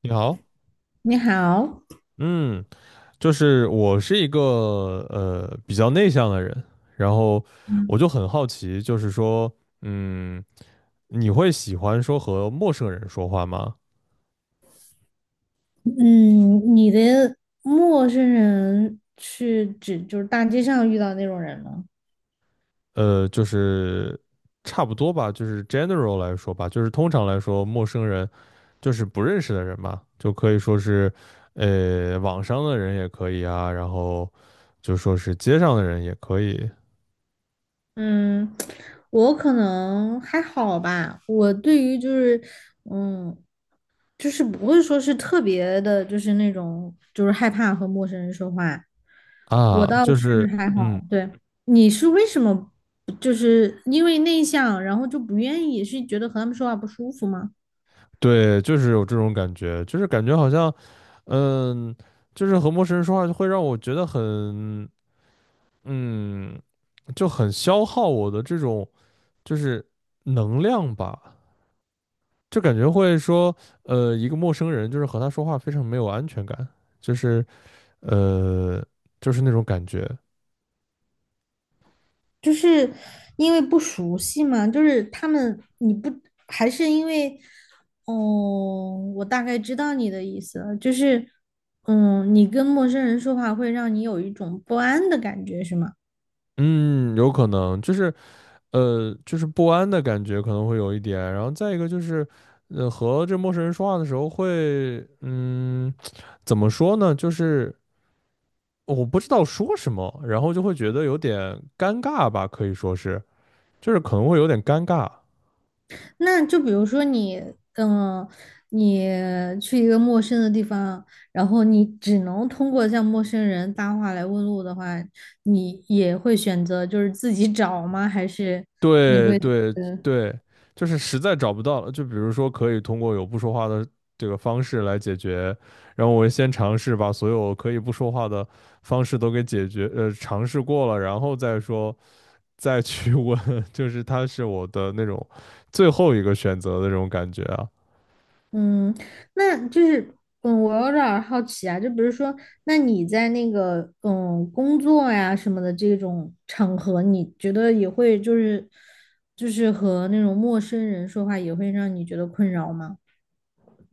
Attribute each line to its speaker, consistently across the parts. Speaker 1: 你好，
Speaker 2: 你好。
Speaker 1: 嗯，就是我是一个比较内向的人，然后我
Speaker 2: 嗯，
Speaker 1: 就很好奇，就是说，嗯，你会喜欢说和陌生人说话吗？
Speaker 2: 嗯，你的陌生人是指就是大街上遇到那种人吗？
Speaker 1: 就是差不多吧，就是 general 来说吧，就是通常来说，陌生人就是不认识的人嘛，就可以说是网上的人也可以啊，然后就说是街上的人也可以
Speaker 2: 嗯，我可能还好吧。我对于就是嗯，就是不会说是特别的，就是那种就是害怕和陌生人说话。我
Speaker 1: 啊，
Speaker 2: 倒
Speaker 1: 就
Speaker 2: 是
Speaker 1: 是。
Speaker 2: 还
Speaker 1: 嗯。
Speaker 2: 好。对。你是为什么就是因为内向，然后就不愿意，是觉得和他们说话不舒服吗？
Speaker 1: 对，就是有这种感觉，就是感觉好像，嗯，就是和陌生人说话就会让我觉得很，嗯，就很消耗我的这种就是能量吧，就感觉会说，一个陌生人就是和他说话非常没有安全感，就是呃，就是那种感觉。
Speaker 2: 就是因为不熟悉嘛，就是他们你不还是因为，哦，我大概知道你的意思了，就是，你跟陌生人说话会让你有一种不安的感觉，是吗？
Speaker 1: 嗯，有可能就是就是不安的感觉可能会有一点，然后再一个就是，和这陌生人说话的时候会。怎么说呢？就是我不知道说什么，然后就会觉得有点尴尬吧，可以说是，就是可能会有点尴尬。
Speaker 2: 那就比如说嗯，你去一个陌生的地方，然后你只能通过向陌生人搭话来问路的话，你也会选择就是自己找吗？还是你
Speaker 1: 对
Speaker 2: 会？
Speaker 1: 对对，就是实在找不到了，就比如说可以通过有不说话的这个方式来解决，然后我先尝试把所有可以不说话的方式都给解决，尝试过了，然后再说再去问，就是它是我的那种最后一个选择的这种感觉啊。
Speaker 2: 嗯，那就是，我有点儿好奇啊，就比如说，那你在那个工作呀什么的这种场合，你觉得也会就是和那种陌生人说话，也会让你觉得困扰吗？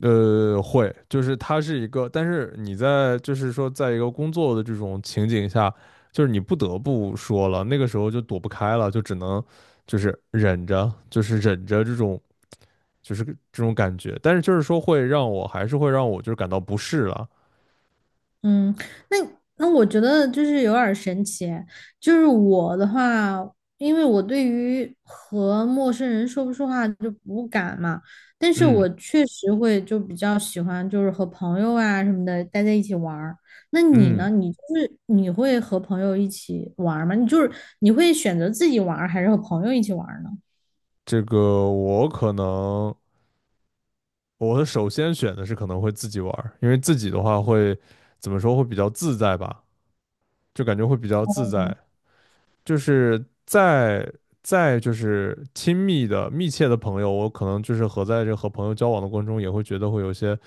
Speaker 1: 会，就是它是一个，但是你在就是说，在一个工作的这种情景下，就是你不得不说了，那个时候就躲不开了，就只能就是忍着，就是忍着这种就是这种感觉，但是就是说会让我还是会让我就是感到不适了。
Speaker 2: 嗯，那那我觉得就是有点儿神奇，就是我的话，因为我对于和陌生人说不说话就不敢嘛，但是
Speaker 1: 嗯
Speaker 2: 我确实会就比较喜欢就是和朋友啊什么的待在一起玩儿。那你
Speaker 1: 嗯，
Speaker 2: 呢？你就是你会和朋友一起玩儿吗？你就是你会选择自己玩儿还是和朋友一起玩儿呢？
Speaker 1: 这个我可能我首先选的是可能会自己玩儿，因为自己的话会怎么说，会比较自在吧，就感觉会比较自在，就是再就是亲密的、密切的朋友，我可能就是和在这和朋友交往的过程中，也会觉得会有些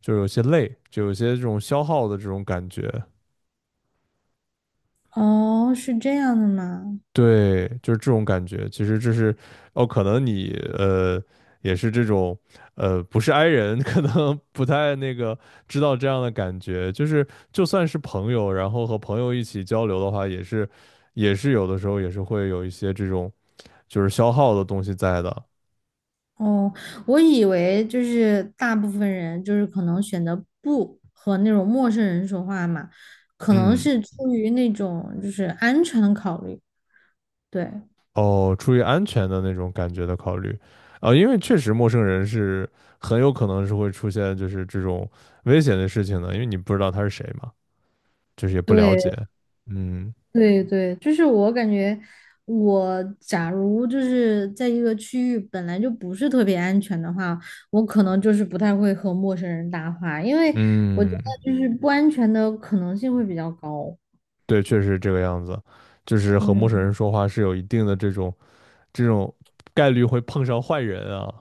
Speaker 1: 就是有些累，就有些这种消耗的这种感觉。
Speaker 2: 哦，是这样的吗？
Speaker 1: 对，就是这种感觉。其实这是哦，可能你呃也是这种不是 i 人，可能不太那个知道这样的感觉。就是就算是朋友，然后和朋友一起交流的话，也是有的时候也是会有一些这种就是消耗的东西在的。
Speaker 2: 哦，我以为就是大部分人就是可能选择不和那种陌生人说话嘛，可能
Speaker 1: 嗯，
Speaker 2: 是出于那种就是安全的考虑。对，
Speaker 1: 哦，出于安全的那种感觉的考虑，啊，因为确实陌生人是很有可能是会出现就是这种危险的事情的，因为你不知道他是谁嘛，就是也不了
Speaker 2: 对，
Speaker 1: 解。嗯
Speaker 2: 对，对，就是我感觉我假如就是在一个区域本来就不是特别安全的话，我可能就是不太会和陌生人搭话，因为我觉
Speaker 1: 嗯，
Speaker 2: 得就是不安全的可能性会比较高。
Speaker 1: 对，确实这个样子，就是和陌生
Speaker 2: 嗯。
Speaker 1: 人说话是有一定的这种概率会碰上坏人啊。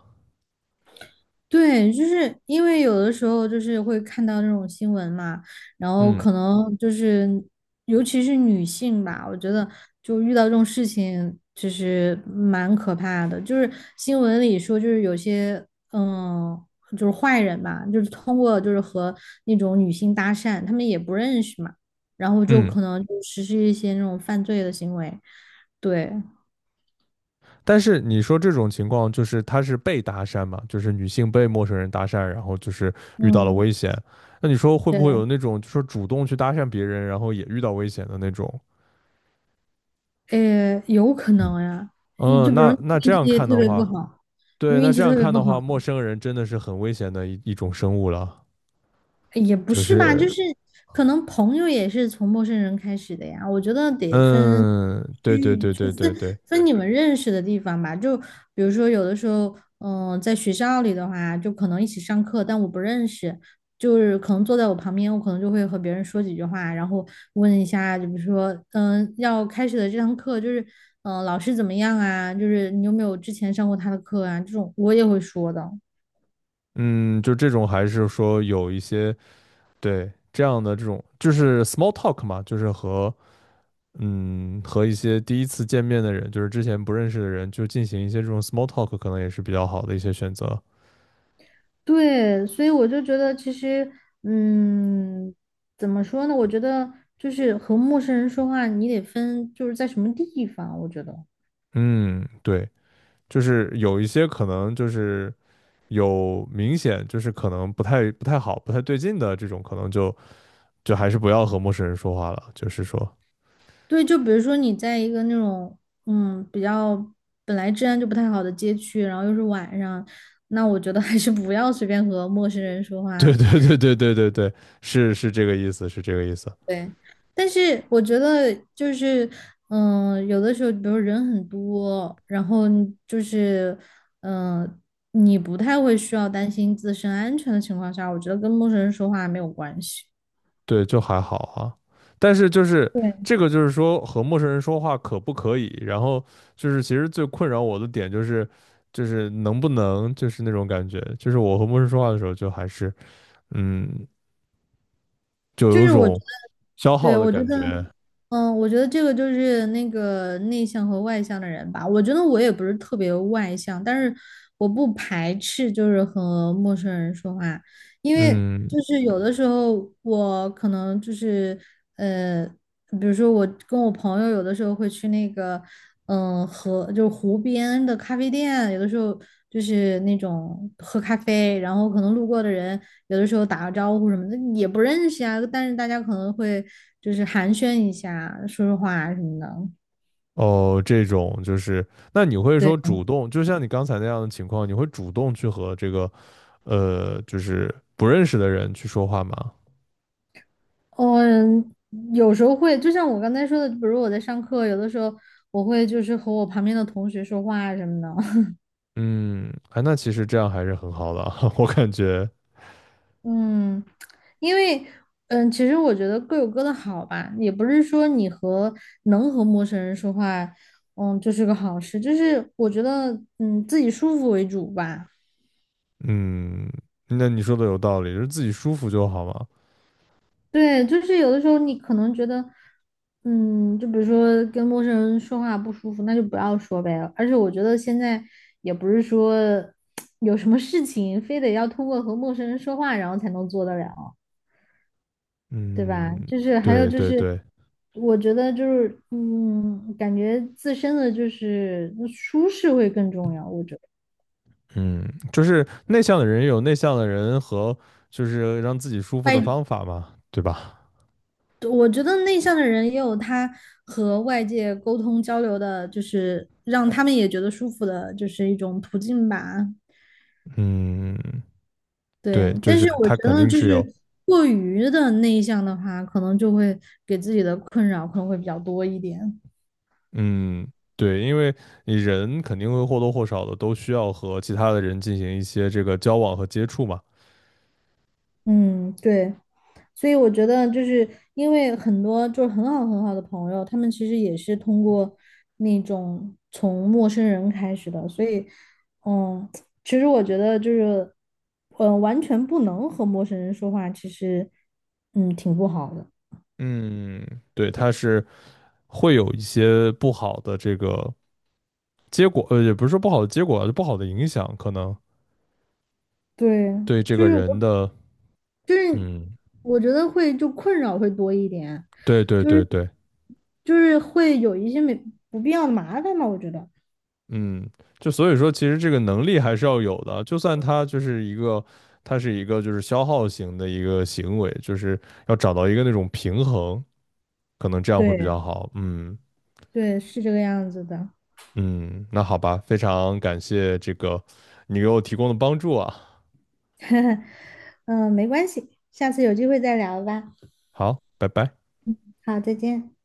Speaker 2: 对，就是因为有的时候就是会看到这种新闻嘛，然后
Speaker 1: 嗯
Speaker 2: 可能就是尤其是女性吧，我觉得就遇到这种事情其实蛮可怕的。就是新闻里说，就是有些嗯，就是坏人吧，就是通过就是和那种女性搭讪，他们也不认识嘛，然后就
Speaker 1: 嗯。
Speaker 2: 可能就实施一些那种犯罪的行为。对，
Speaker 1: 但是你说这种情况，就是他是被搭讪嘛，就是女性被陌生人搭讪，然后就是遇到了
Speaker 2: 嗯，
Speaker 1: 危险。那你说会不会
Speaker 2: 对。
Speaker 1: 有那种，就是主动去搭讪别人，然后也遇到危险的那种？
Speaker 2: 有可能呀。你就
Speaker 1: 嗯，
Speaker 2: 比如
Speaker 1: 那
Speaker 2: 你
Speaker 1: 那这
Speaker 2: 运
Speaker 1: 样
Speaker 2: 气
Speaker 1: 看
Speaker 2: 特
Speaker 1: 的
Speaker 2: 别不
Speaker 1: 话，
Speaker 2: 好，你
Speaker 1: 对，
Speaker 2: 运
Speaker 1: 那这
Speaker 2: 气
Speaker 1: 样
Speaker 2: 特别
Speaker 1: 看
Speaker 2: 不
Speaker 1: 的
Speaker 2: 好，
Speaker 1: 话，陌生人真的是很危险的一种生物了。
Speaker 2: 诶也不
Speaker 1: 就
Speaker 2: 是吧，
Speaker 1: 是，
Speaker 2: 就是可能朋友也是从陌生人开始的呀，我觉得得分
Speaker 1: 嗯，对对对对对对，
Speaker 2: 分你们认识的地方吧，就比如说有的时候，在学校里的话，就可能一起上课，但我不认识，就是可能坐在我旁边，我可能就会和别人说几句话，然后问一下，就比如说，要开始的这堂课就是，老师怎么样啊？就是你有没有之前上过他的课啊？这种我也会说的。
Speaker 1: 嗯，就这种还是说有一些对这样的这种，就是 small talk 嘛，就是和一些第一次见面的人，就是之前不认识的人，就进行一些这种 small talk，可能也是比较好的一些选择。
Speaker 2: 对，所以我就觉得其实，嗯，怎么说呢？我觉得就是和陌生人说话，你得分就是在什么地方，我觉得。
Speaker 1: 嗯，对，就是有一些可能就是有明显就是可能不太好、不太对劲的这种，可能就还是不要和陌生人说话了。就是说，
Speaker 2: 对，就比如说你在一个那种比较本来治安就不太好的街区，然后又是晚上，那我觉得还是不要随便和陌生人说
Speaker 1: 对
Speaker 2: 话。
Speaker 1: 对对对对对对，是是这个意思，是这个意思。
Speaker 2: 对，但是我觉得就是有的时候比如人很多，然后你就是嗯、呃你不太会需要担心自身安全的情况下，我觉得跟陌生人说话没有关系。
Speaker 1: 对，就还好啊。但是就是这个，就是说和陌生人说话可不可以？然后就是其实最困扰我的点就是，就是能不能就是那种感觉，就是我和陌生人说话的时候，就还是嗯，就
Speaker 2: 就
Speaker 1: 有一
Speaker 2: 是我觉
Speaker 1: 种
Speaker 2: 得
Speaker 1: 消耗
Speaker 2: 对，
Speaker 1: 的
Speaker 2: 我觉
Speaker 1: 感
Speaker 2: 得。
Speaker 1: 觉。
Speaker 2: 我觉得这个就是那个内向和外向的人吧。我觉得我也不是特别外向，但是我不排斥就是和陌生人说话，因为
Speaker 1: 嗯，
Speaker 2: 就是有的时候我可能就是。呃。比如说我跟我朋友有的时候会去那个，就是湖边的咖啡店，有的时候就是那种喝咖啡，然后可能路过的人有的时候打个招呼什么的也不认识啊，但是大家可能会就是寒暄一下，说说话啊什么的。
Speaker 1: 哦，这种就是，那你会说
Speaker 2: 对，
Speaker 1: 主动，就像你刚才那样的情况，你会主动去和这个就是不认识的人去说话吗？
Speaker 2: 嗯，有时候会，就像我刚才说的，比如我在上课，有的时候我会就是和我旁边的同学说话啊什么的。
Speaker 1: 嗯，哎，那其实这样还是很好的啊，我感觉。
Speaker 2: 嗯，因为其实我觉得各有各的好吧，也不是说能和陌生人说话，就是个好事，就是我觉得自己舒服为主吧。
Speaker 1: 嗯，那你说的有道理，就是自己舒服就好嘛。
Speaker 2: 对，就是有的时候你可能觉得，就比如说跟陌生人说话不舒服，那就不要说呗。而且我觉得现在也不是说 有什么事情非得要通过和陌生人说话然后才能做得了。对吧？
Speaker 1: 嗯，
Speaker 2: 就是还有
Speaker 1: 对
Speaker 2: 就
Speaker 1: 对
Speaker 2: 是，
Speaker 1: 对，
Speaker 2: 我觉得就是，感觉自身的就是舒适会更重要。我觉得
Speaker 1: 嗯，就是内向的人有内向的人和就是让自己舒服的
Speaker 2: 外，
Speaker 1: 方法嘛，对吧？
Speaker 2: 我觉得内向的人也有他和外界沟通交流的，就是让他们也觉得舒服的，就是一种途径吧。
Speaker 1: 嗯，对，
Speaker 2: 对，
Speaker 1: 就
Speaker 2: 但
Speaker 1: 是
Speaker 2: 是我
Speaker 1: 他
Speaker 2: 觉
Speaker 1: 肯
Speaker 2: 得
Speaker 1: 定
Speaker 2: 就
Speaker 1: 是有，
Speaker 2: 是过于的内向的话，可能就会给自己的困扰可能会比较多一点。
Speaker 1: 嗯，对，因为你人肯定会或多或少的都需要和其他的人进行一些这个交往和接触嘛。
Speaker 2: 嗯，对。所以我觉得就是因为很多就是很好很好的朋友，他们其实也是通过那种从陌生人开始的，所以嗯，其实我觉得就是完全不能和陌生人说话，其实挺不好的。
Speaker 1: 嗯，对，他是会有一些不好的这个结果，也不是说不好的结果啊就不好的影响可能。
Speaker 2: 对，
Speaker 1: 对这
Speaker 2: 就
Speaker 1: 个
Speaker 2: 是
Speaker 1: 人的，
Speaker 2: 就是
Speaker 1: 嗯，
Speaker 2: 我觉得会就困扰会多一点，
Speaker 1: 对对
Speaker 2: 就
Speaker 1: 对
Speaker 2: 是
Speaker 1: 对，
Speaker 2: 就是会有一些没不必要的麻烦嘛，我觉得。
Speaker 1: 嗯，就所以说，其实这个能力还是要有的，就算他就是一个，他是一个就是消耗型的一个行为，就是要找到一个那种平衡，可能这样会比
Speaker 2: 对
Speaker 1: 较好。嗯
Speaker 2: 对，是这个样子的。
Speaker 1: 嗯，那好吧，非常感谢这个你给我提供的帮助啊，
Speaker 2: 嗯，没关系，下次有机会再聊吧。
Speaker 1: 好，拜拜。
Speaker 2: 好，再见。